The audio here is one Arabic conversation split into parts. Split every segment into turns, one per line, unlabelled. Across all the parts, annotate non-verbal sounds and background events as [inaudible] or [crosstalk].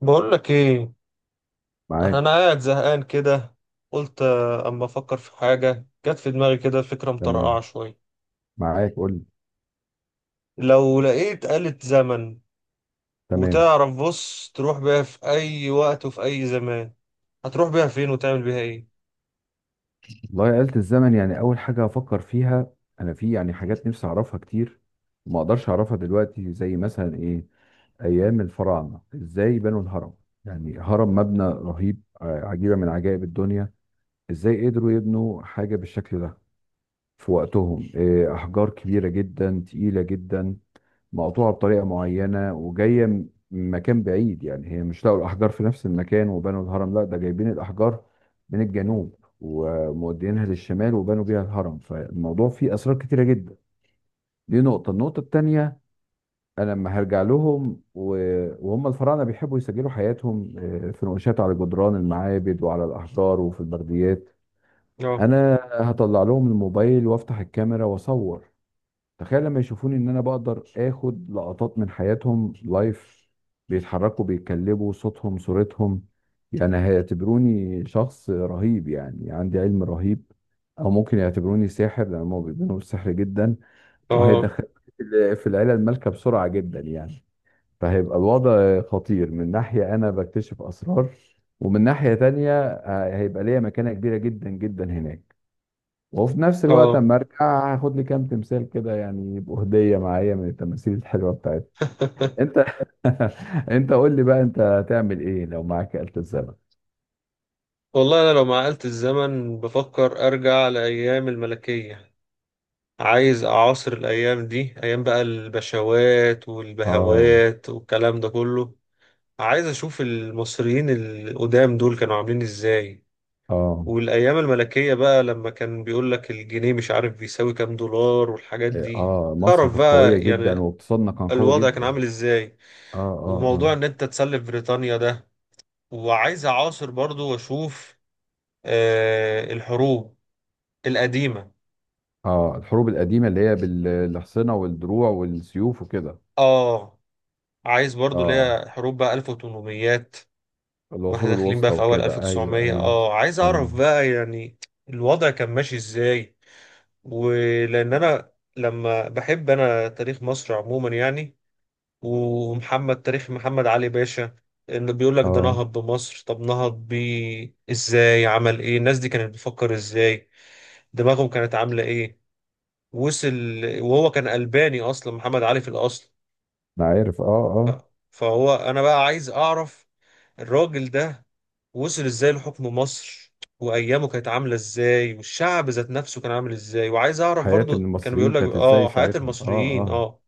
بقول لك ايه؟ انا
معاك.
قاعد زهقان كده. قلت اما افكر في حاجه، جت في دماغي كده فكره مطرقعه
تمام.
شويه.
معاك قول لي.
لو لقيت آلة زمن،
تمام.
وتعرف، بص، تروح بيها في اي وقت وفي اي زمان، هتروح بيها فين وتعمل بيها ايه؟
والله آلة الزمن، يعني أول حاجة أفكر فيها، أنا في يعني حاجات نفسي أعرفها كتير وما أقدرش أعرفها دلوقتي زي مثلا إيه، أيام الفراعنة إزاي بنوا الهرم. يعني هرم مبنى رهيب، عجيبة من عجائب الدنيا. إزاي قدروا يبنوا حاجة بالشكل ده في وقتهم؟ إيه، أحجار كبيرة جدا تقيلة جدا مقطوعة بطريقة معينة وجاية من مكان بعيد. يعني هي مش لقوا الأحجار في نفس المكان وبنوا الهرم، لا ده جايبين الأحجار من الجنوب ومودينها للشمال وبنوا بيها الهرم. فالموضوع فيه أسرار كتيرة جدا. دي نقطة، النقطة التانية أنا لما هرجع لهم، و- وهم الفراعنة بيحبوا يسجلوا حياتهم في نقوشات على جدران المعابد وعلى الأحجار وفي البرديات.
اه،
أنا هطلع لهم الموبايل وأفتح الكاميرا وأصور. تخيل لما يشوفوني ان انا بقدر اخد لقطات من حياتهم لايف، بيتحركوا بيتكلموا صوتهم صورتهم. يعني هيعتبروني شخص رهيب، يعني عندي علم رهيب، او ممكن يعتبروني ساحر لان هم بيؤمنوا بالسحر جدا.
اه،
وهيدخل في العيله المالكه بسرعه جدا يعني. فهيبقى الوضع خطير، من ناحيه انا بكتشف اسرار، ومن ناحيه تانية هيبقى ليا مكانه كبيره جدا جدا هناك. وفي نفس الوقت
اه.
اما ارجع هاخد لي كام تمثال كده، يعني يبقوا هديه معايا من التماثيل الحلوه بتاعتي.
[laughs]
انت [laughs] انت قول لي بقى، انت هتعمل ايه لو معاك آلة الزمن؟
والله انا لو مع آلة الزمن بفكر ارجع لايام الملكيه. عايز اعاصر الايام دي، ايام بقى البشوات
اه،
والبهوات والكلام ده كله. عايز اشوف المصريين القدام دول كانوا عاملين ازاي.
اه،
والايام الملكية بقى، لما كان بيقول لك الجنيه مش عارف بيساوي كام دولار والحاجات دي،
اه، مصر
تعرف
كانت قويه
بقى
جدا
يعني
واقتصادنا كان قوي
الوضع كان
جدا.
عامل ازاي.
اه،
وموضوع
اه،
ان انت تسلف بريطانيا ده. وعايز اعاصر برضو واشوف الحروب القديمة.
اه، اه الحروب القديمه اللي هي بالاحصنه والدروع والسيوف وكده.
اه، عايز برضو
اه
ليها حروب بقى 1800، واحنا
العصور
داخلين
الوسطى
بقى في اول
وكده، ايوه
1900.
ايوه.
اه عايز
ايوه.
اعرف بقى يعني الوضع كان ماشي ازاي، ولان انا لما بحب انا تاريخ مصر عموما يعني. تاريخ محمد علي باشا، انه بيقول لك ده
اه
نهض بمصر. طب نهض بيه ازاي؟ عمل ايه؟ الناس دي كانت بتفكر ازاي؟ دماغهم كانت عامله ايه؟ وصل وهو كان ألباني اصلا، محمد علي في الاصل.
انا عارف. اه، اه،
انا بقى عايز اعرف الراجل ده وصل ازاي لحكم مصر، وايامه كانت عامله ازاي، والشعب ذات نفسه كان عامل ازاي. وعايز اعرف
حياه
برضو كانوا بيقول
المصريين
لك
كانت ازاي
اه حياة
ساعتها؟ اه
المصريين،
اه.
اه.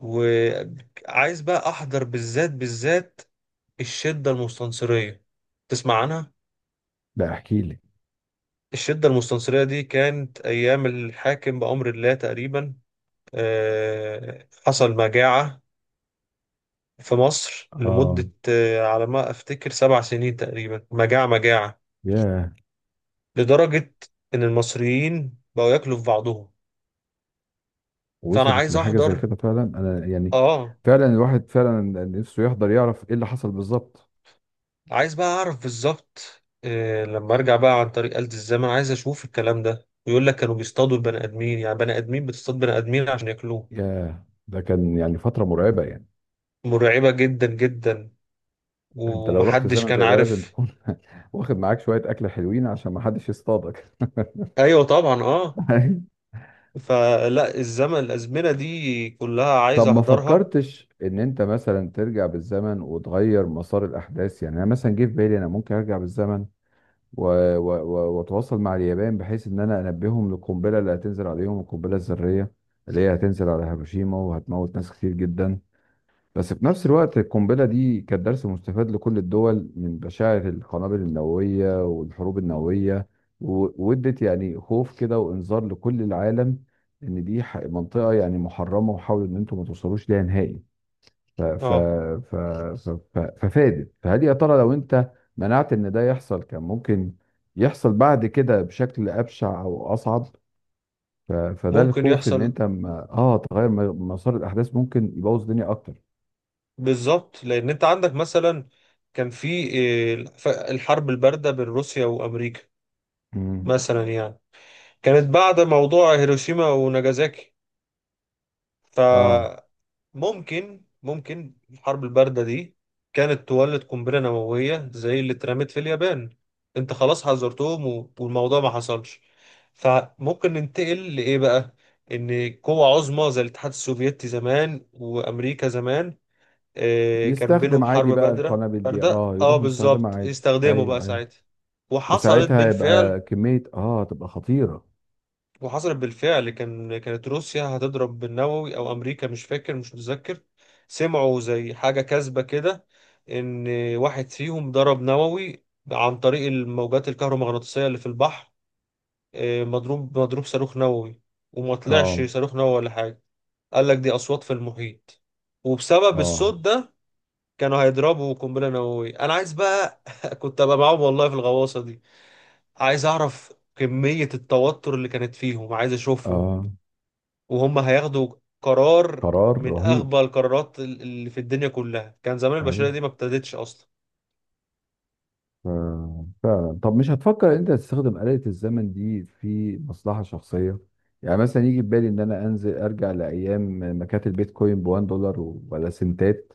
وعايز بقى احضر، بالذات بالذات، الشدة المستنصرية. تسمع عنها؟
لا، احكي لي.
الشدة المستنصرية دي كانت ايام الحاكم بأمر الله تقريبا. حصل مجاعة في مصر
اه.
لمدة، على ما افتكر، 7 سنين تقريبا. مجاعة مجاعة،
ياه.
لدرجة ان المصريين بقوا ياكلوا في بعضهم. فانا
وصلت
عايز
لحاجه زي
احضر.
كده فعلا انا يعني.
اه.
فعلا الواحد فعلا نفسه يحضر يعرف ايه اللي حصل بالظبط.
عايز بقى اعرف بالظبط إيه، لما ارجع بقى عن طريق آلة الزمن عايز اشوف الكلام ده. ويقول لك كانوا بيصطادوا البني ادمين، يعني بني ادمين بتصطاد بني ادمين عشان ياكلوه.
ياه، ده كان يعني فتره مرعبه يعني.
مرعبة جدا جدا،
انت لو رحت
ومحدش
زمن
كان
زي ده لازم
عارف.
تكون [laughs] واخد معاك شويه اكل حلوين عشان ما حدش يصطادك [laughs]
ايوه طبعا، اه. فلا، الازمنة دي كلها عايز
طب ما
احضرها.
فكرتش ان انت مثلا ترجع بالزمن وتغير مسار الاحداث؟ يعني انا مثلا جه في بالي انا ممكن ارجع بالزمن و- و- و- واتواصل مع اليابان، بحيث ان انا انبههم للقنبله اللي هتنزل عليهم، القنبله الذريه اللي هي هتنزل على هيروشيما وهتموت ناس كتير جدا. بس في نفس الوقت القنبله دي كانت درس مستفاد لكل الدول من بشاعر القنابل النوويه والحروب النوويه، و- وادت يعني خوف كده وانذار لكل العالم ان دي منطقه يعني محرمه، وحاولوا ان انتم ما توصلوش ليها نهائي. ف ف
اه،
ف ف ف ففادت. فهل يا ترى لو انت منعت ان ده يحصل كان ممكن يحصل بعد كده بشكل ابشع او اصعب؟ فده
ممكن
الخوف ان
يحصل.
انت ما تغير مسار الاحداث ممكن يبوظ الدنيا اكتر.
بالظبط، لان انت عندك مثلا كان في الحرب الباردة بين روسيا وامريكا
امم.
مثلا يعني، كانت بعد موضوع هيروشيما وناجازاكي.
اه،
فممكن الحرب الباردة دي كانت تولد قنبلة نووية زي اللي اترمت في اليابان. انت خلاص حذرتهم والموضوع ما حصلش. فممكن ننتقل لإيه بقى؟ إن قوة عظمى زي الاتحاد السوفيتي زمان وأمريكا زمان، كان بينهم
يستخدم عادي
حرب
بقى
بادرة
القنابل دي،
باردة
يروح مستخدمها
بالظبط،
عادي،
يستخدموا بقى
ايوه ايوه.
ساعتها. وحصلت
وساعتها
بالفعل
يبقى كمية تبقى خطيرة.
وحصلت بالفعل كانت روسيا هتضرب بالنووي او امريكا، مش فاكر، مش متذكر. سمعوا زي حاجه كاذبه كده، ان واحد فيهم ضرب نووي عن طريق الموجات الكهرومغناطيسيه اللي في البحر. مضروب صاروخ نووي، وما طلعش
اه،
صاروخ نووي ولا حاجه. قال لك دي اصوات في المحيط، وبسبب الصوت
اه،
ده كانوا هيضربوا قنبله نوويه. انا عايز بقى [laughs] كنت ابقى معاهم والله في الغواصه دي. عايز اعرف كميه التوتر اللي كانت فيهم، عايز اشوفهم
اه.
وهم هياخدوا قرار،
قرار
من
رهيب.
اغبى القرارات اللي في الدنيا كلها. كان زمان البشرية
ايوه.
دي ما ابتدتش اصلا.
ف- فعلا. طب مش هتفكر انت تستخدم آلة الزمن دي في مصلحة شخصية؟ يعني مثلا يجي في بالي ان انا انزل ارجع لايام ما كانت البيتكوين ب 1 دولار ولا سنتات،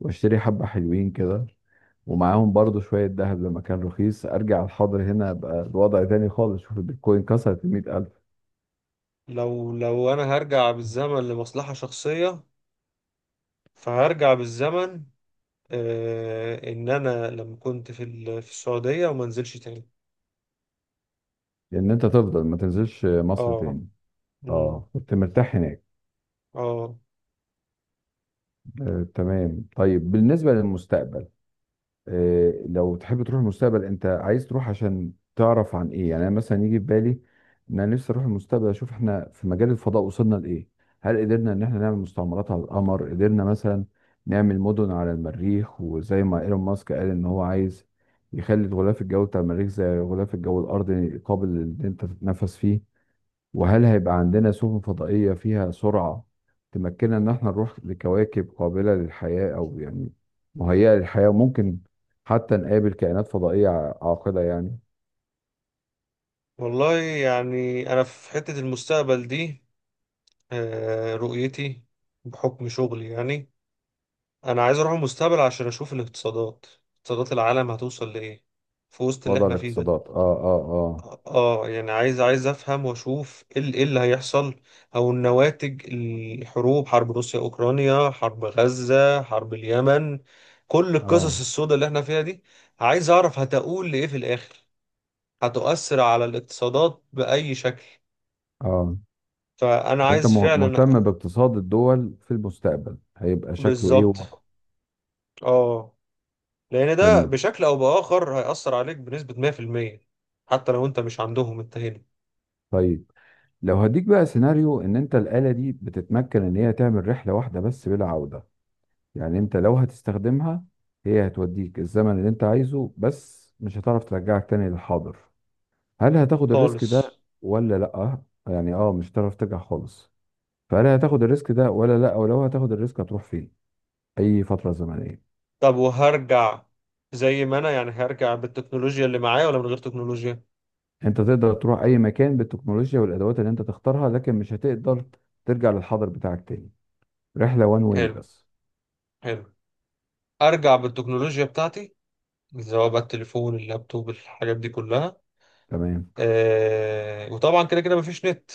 واشتري حبة حلوين كده، ومعاهم برضو شوية ذهب لما كان رخيص. ارجع الحاضر هنا ابقى الوضع تاني خالص، شوف البيتكوين كسرت ال 100,000.
لو انا هرجع بالزمن لمصلحة شخصية، فهرجع بالزمن، ان انا لما كنت في السعودية وما انزلش تاني.
لان انت تفضل ما تنزلش مصر
اه.
تاني.
أمم،
اه كنت مرتاح هناك.
اه.
آه تمام. طيب بالنسبة للمستقبل، لو تحب تروح المستقبل انت عايز تروح عشان تعرف عن ايه؟ يعني انا مثلا يجي في بالي ان انا نفسي اروح المستقبل اشوف احنا في مجال الفضاء وصلنا لايه. هل قدرنا ان احنا نعمل مستعمرات على القمر؟ قدرنا مثلا نعمل مدن على المريخ وزي ما ايلون ماسك قال ان هو عايز يخلي الغلاف الجوي بتاع المريخ زي غلاف الجو الارضي قابل ان انت تتنفس فيه. وهل هيبقى عندنا سفن فضائية فيها سرعة تمكننا إن احنا نروح لكواكب قابلة للحياة، أو يعني مهيئة للحياة، وممكن حتى نقابل كائنات فضائية عاقلة يعني.
والله يعني انا في حتة المستقبل دي، رؤيتي بحكم شغلي يعني، انا عايز اروح المستقبل عشان اشوف اقتصادات العالم هتوصل لايه في وسط اللي
وضع
احنا فيه ده.
الاقتصادات، آه، آه، آه،
اه يعني عايز افهم واشوف ايه إيه اللي هيحصل او النواتج. الحروب، حرب روسيا اوكرانيا، حرب غزة، حرب اليمن، كل القصص
آه،
السوداء اللي احنا فيها دي، عايز اعرف هتقول لايه في الاخر، هتؤثر على الاقتصادات باي شكل.
آه.
فانا
أنت
عايز فعلا.
مهتم باقتصاد الدول في المستقبل هيبقى شكله إيه
بالظبط.
ووضعه.
اه، لان ده
جميل.
بشكل او باخر هيأثر عليك بنسبة 100%. حتى لو انت مش عندهم انت هنا.
طيب لو هديك بقى سيناريو، إن أنت الآلة دي بتتمكن إن هي تعمل رحلة واحدة بس بلا عودة. يعني انت لو هتستخدمها هي هتوديك الزمن اللي انت عايزه بس مش هتعرف ترجعك تاني للحاضر. هل هتاخد الريسك
خالص.
ده ولا لا؟ يعني اه، مش هتعرف ترجع خالص. فهل هتاخد الريسك ده ولا لا؟ ولو هتاخد الريسك هتروح فين؟ اي فترة زمنية؟
طب، وهرجع زي ما انا يعني، هرجع بالتكنولوجيا اللي معايا ولا من غير تكنولوجيا؟
انت تقدر تروح اي مكان بالتكنولوجيا والادوات اللي انت تختارها، لكن مش هتقدر ترجع للحاضر بتاعك تاني. رحلة وان واي
حلو،
بس.
حلو. ارجع بالتكنولوجيا بتاعتي، سواء بقى التليفون، اللابتوب، الحاجات دي كلها.
تمام.
آه، وطبعا كده كده مفيش نت.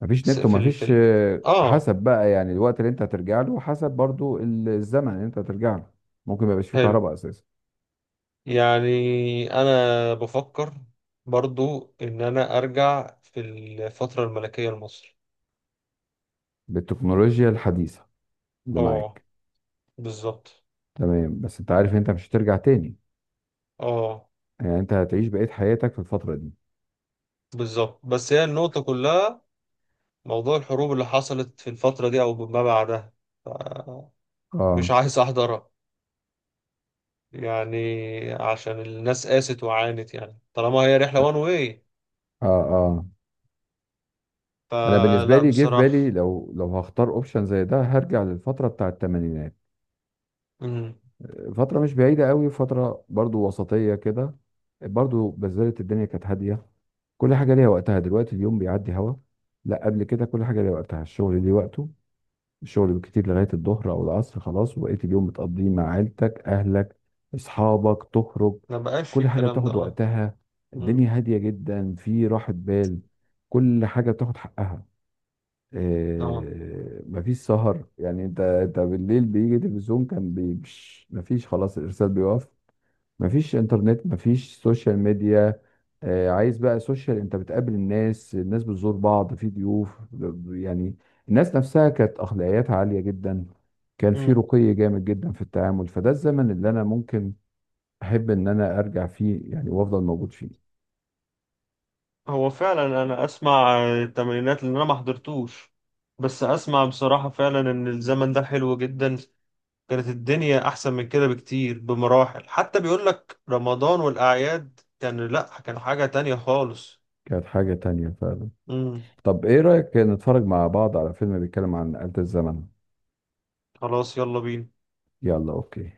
مفيش
بس
نت
في ال في
ومفيش
ال اه
حسب بقى يعني الوقت اللي انت هترجع له، حسب برضو الزمن اللي انت هترجع له ممكن ما يبقاش فيه
حلو.
كهرباء اساسا.
يعني انا بفكر برضو ان انا ارجع في الفترة الملكية لمصر.
بالتكنولوجيا الحديثة اللي
اه،
معاك.
بالظبط.
تمام. بس انت عارف انت مش هترجع تاني،
اه،
يعني انت هتعيش بقية حياتك في الفترة دي.
بالظبط. بس هي النقطة كلها موضوع الحروب اللي حصلت في الفترة دي أو ما بعدها، ف- مش
اه،
عايز أحضرها يعني، عشان الناس قاست وعانت يعني، طالما هي رحلة وان واي.
اه، اه. انا بالنسبة
فلا،
لي جه في بالي،
بصراحة.
لو هختار اوبشن زي ده هرجع للفترة بتاع الثمانينات.
مم.
فترة مش بعيدة قوي، فترة برضو وسطية كده، برضو بذلت الدنيا كانت هادية. كل حاجة ليها وقتها، دلوقتي اليوم بيعدي هوا، لا قبل كده كل حاجة ليها وقتها. الشغل ليه وقته، الشغل بالكتير لغاية الظهر أو العصر خلاص، وبقيت اليوم بتقضيه مع عيلتك، أهلك، أصحابك، تخرج.
ما بقاش في
كل حاجة
الكلام ده،
بتاخد
اه.
وقتها.
مم.
الدنيا هادية جدا، في راحة بال. كل حاجة بتاخد حقها.
اه.
إيه، مفيش سهر يعني، انت بالليل بيجي تلفزيون كان مش مفيش خلاص، الارسال بيقف. مفيش انترنت، مفيش سوشيال ميديا. إيه، عايز بقى سوشيال، انت بتقابل الناس، الناس بتزور بعض في ضيوف يعني. الناس نفسها كانت اخلاقياتها عالية جدا، كان في
مم.
رقي جامد جدا في التعامل. فده الزمن اللي انا ممكن احب ان انا ارجع فيه يعني، وافضل موجود فيه.
هو فعلا أنا أسمع التمرينات اللي أنا ما حضرتوش، بس أسمع بصراحة فعلا إن الزمن ده حلو جدا، كانت الدنيا احسن من كده بكتير بمراحل. حتى بيقول لك رمضان والاعياد كان، لا، كان حاجة تانية خالص.
كانت حاجة تانية فعلا.
امم.
طب ايه رأيك نتفرج مع بعض على فيلم بيتكلم عن آلة الزمن؟
خلاص، يلا بينا.
يلا اوكي.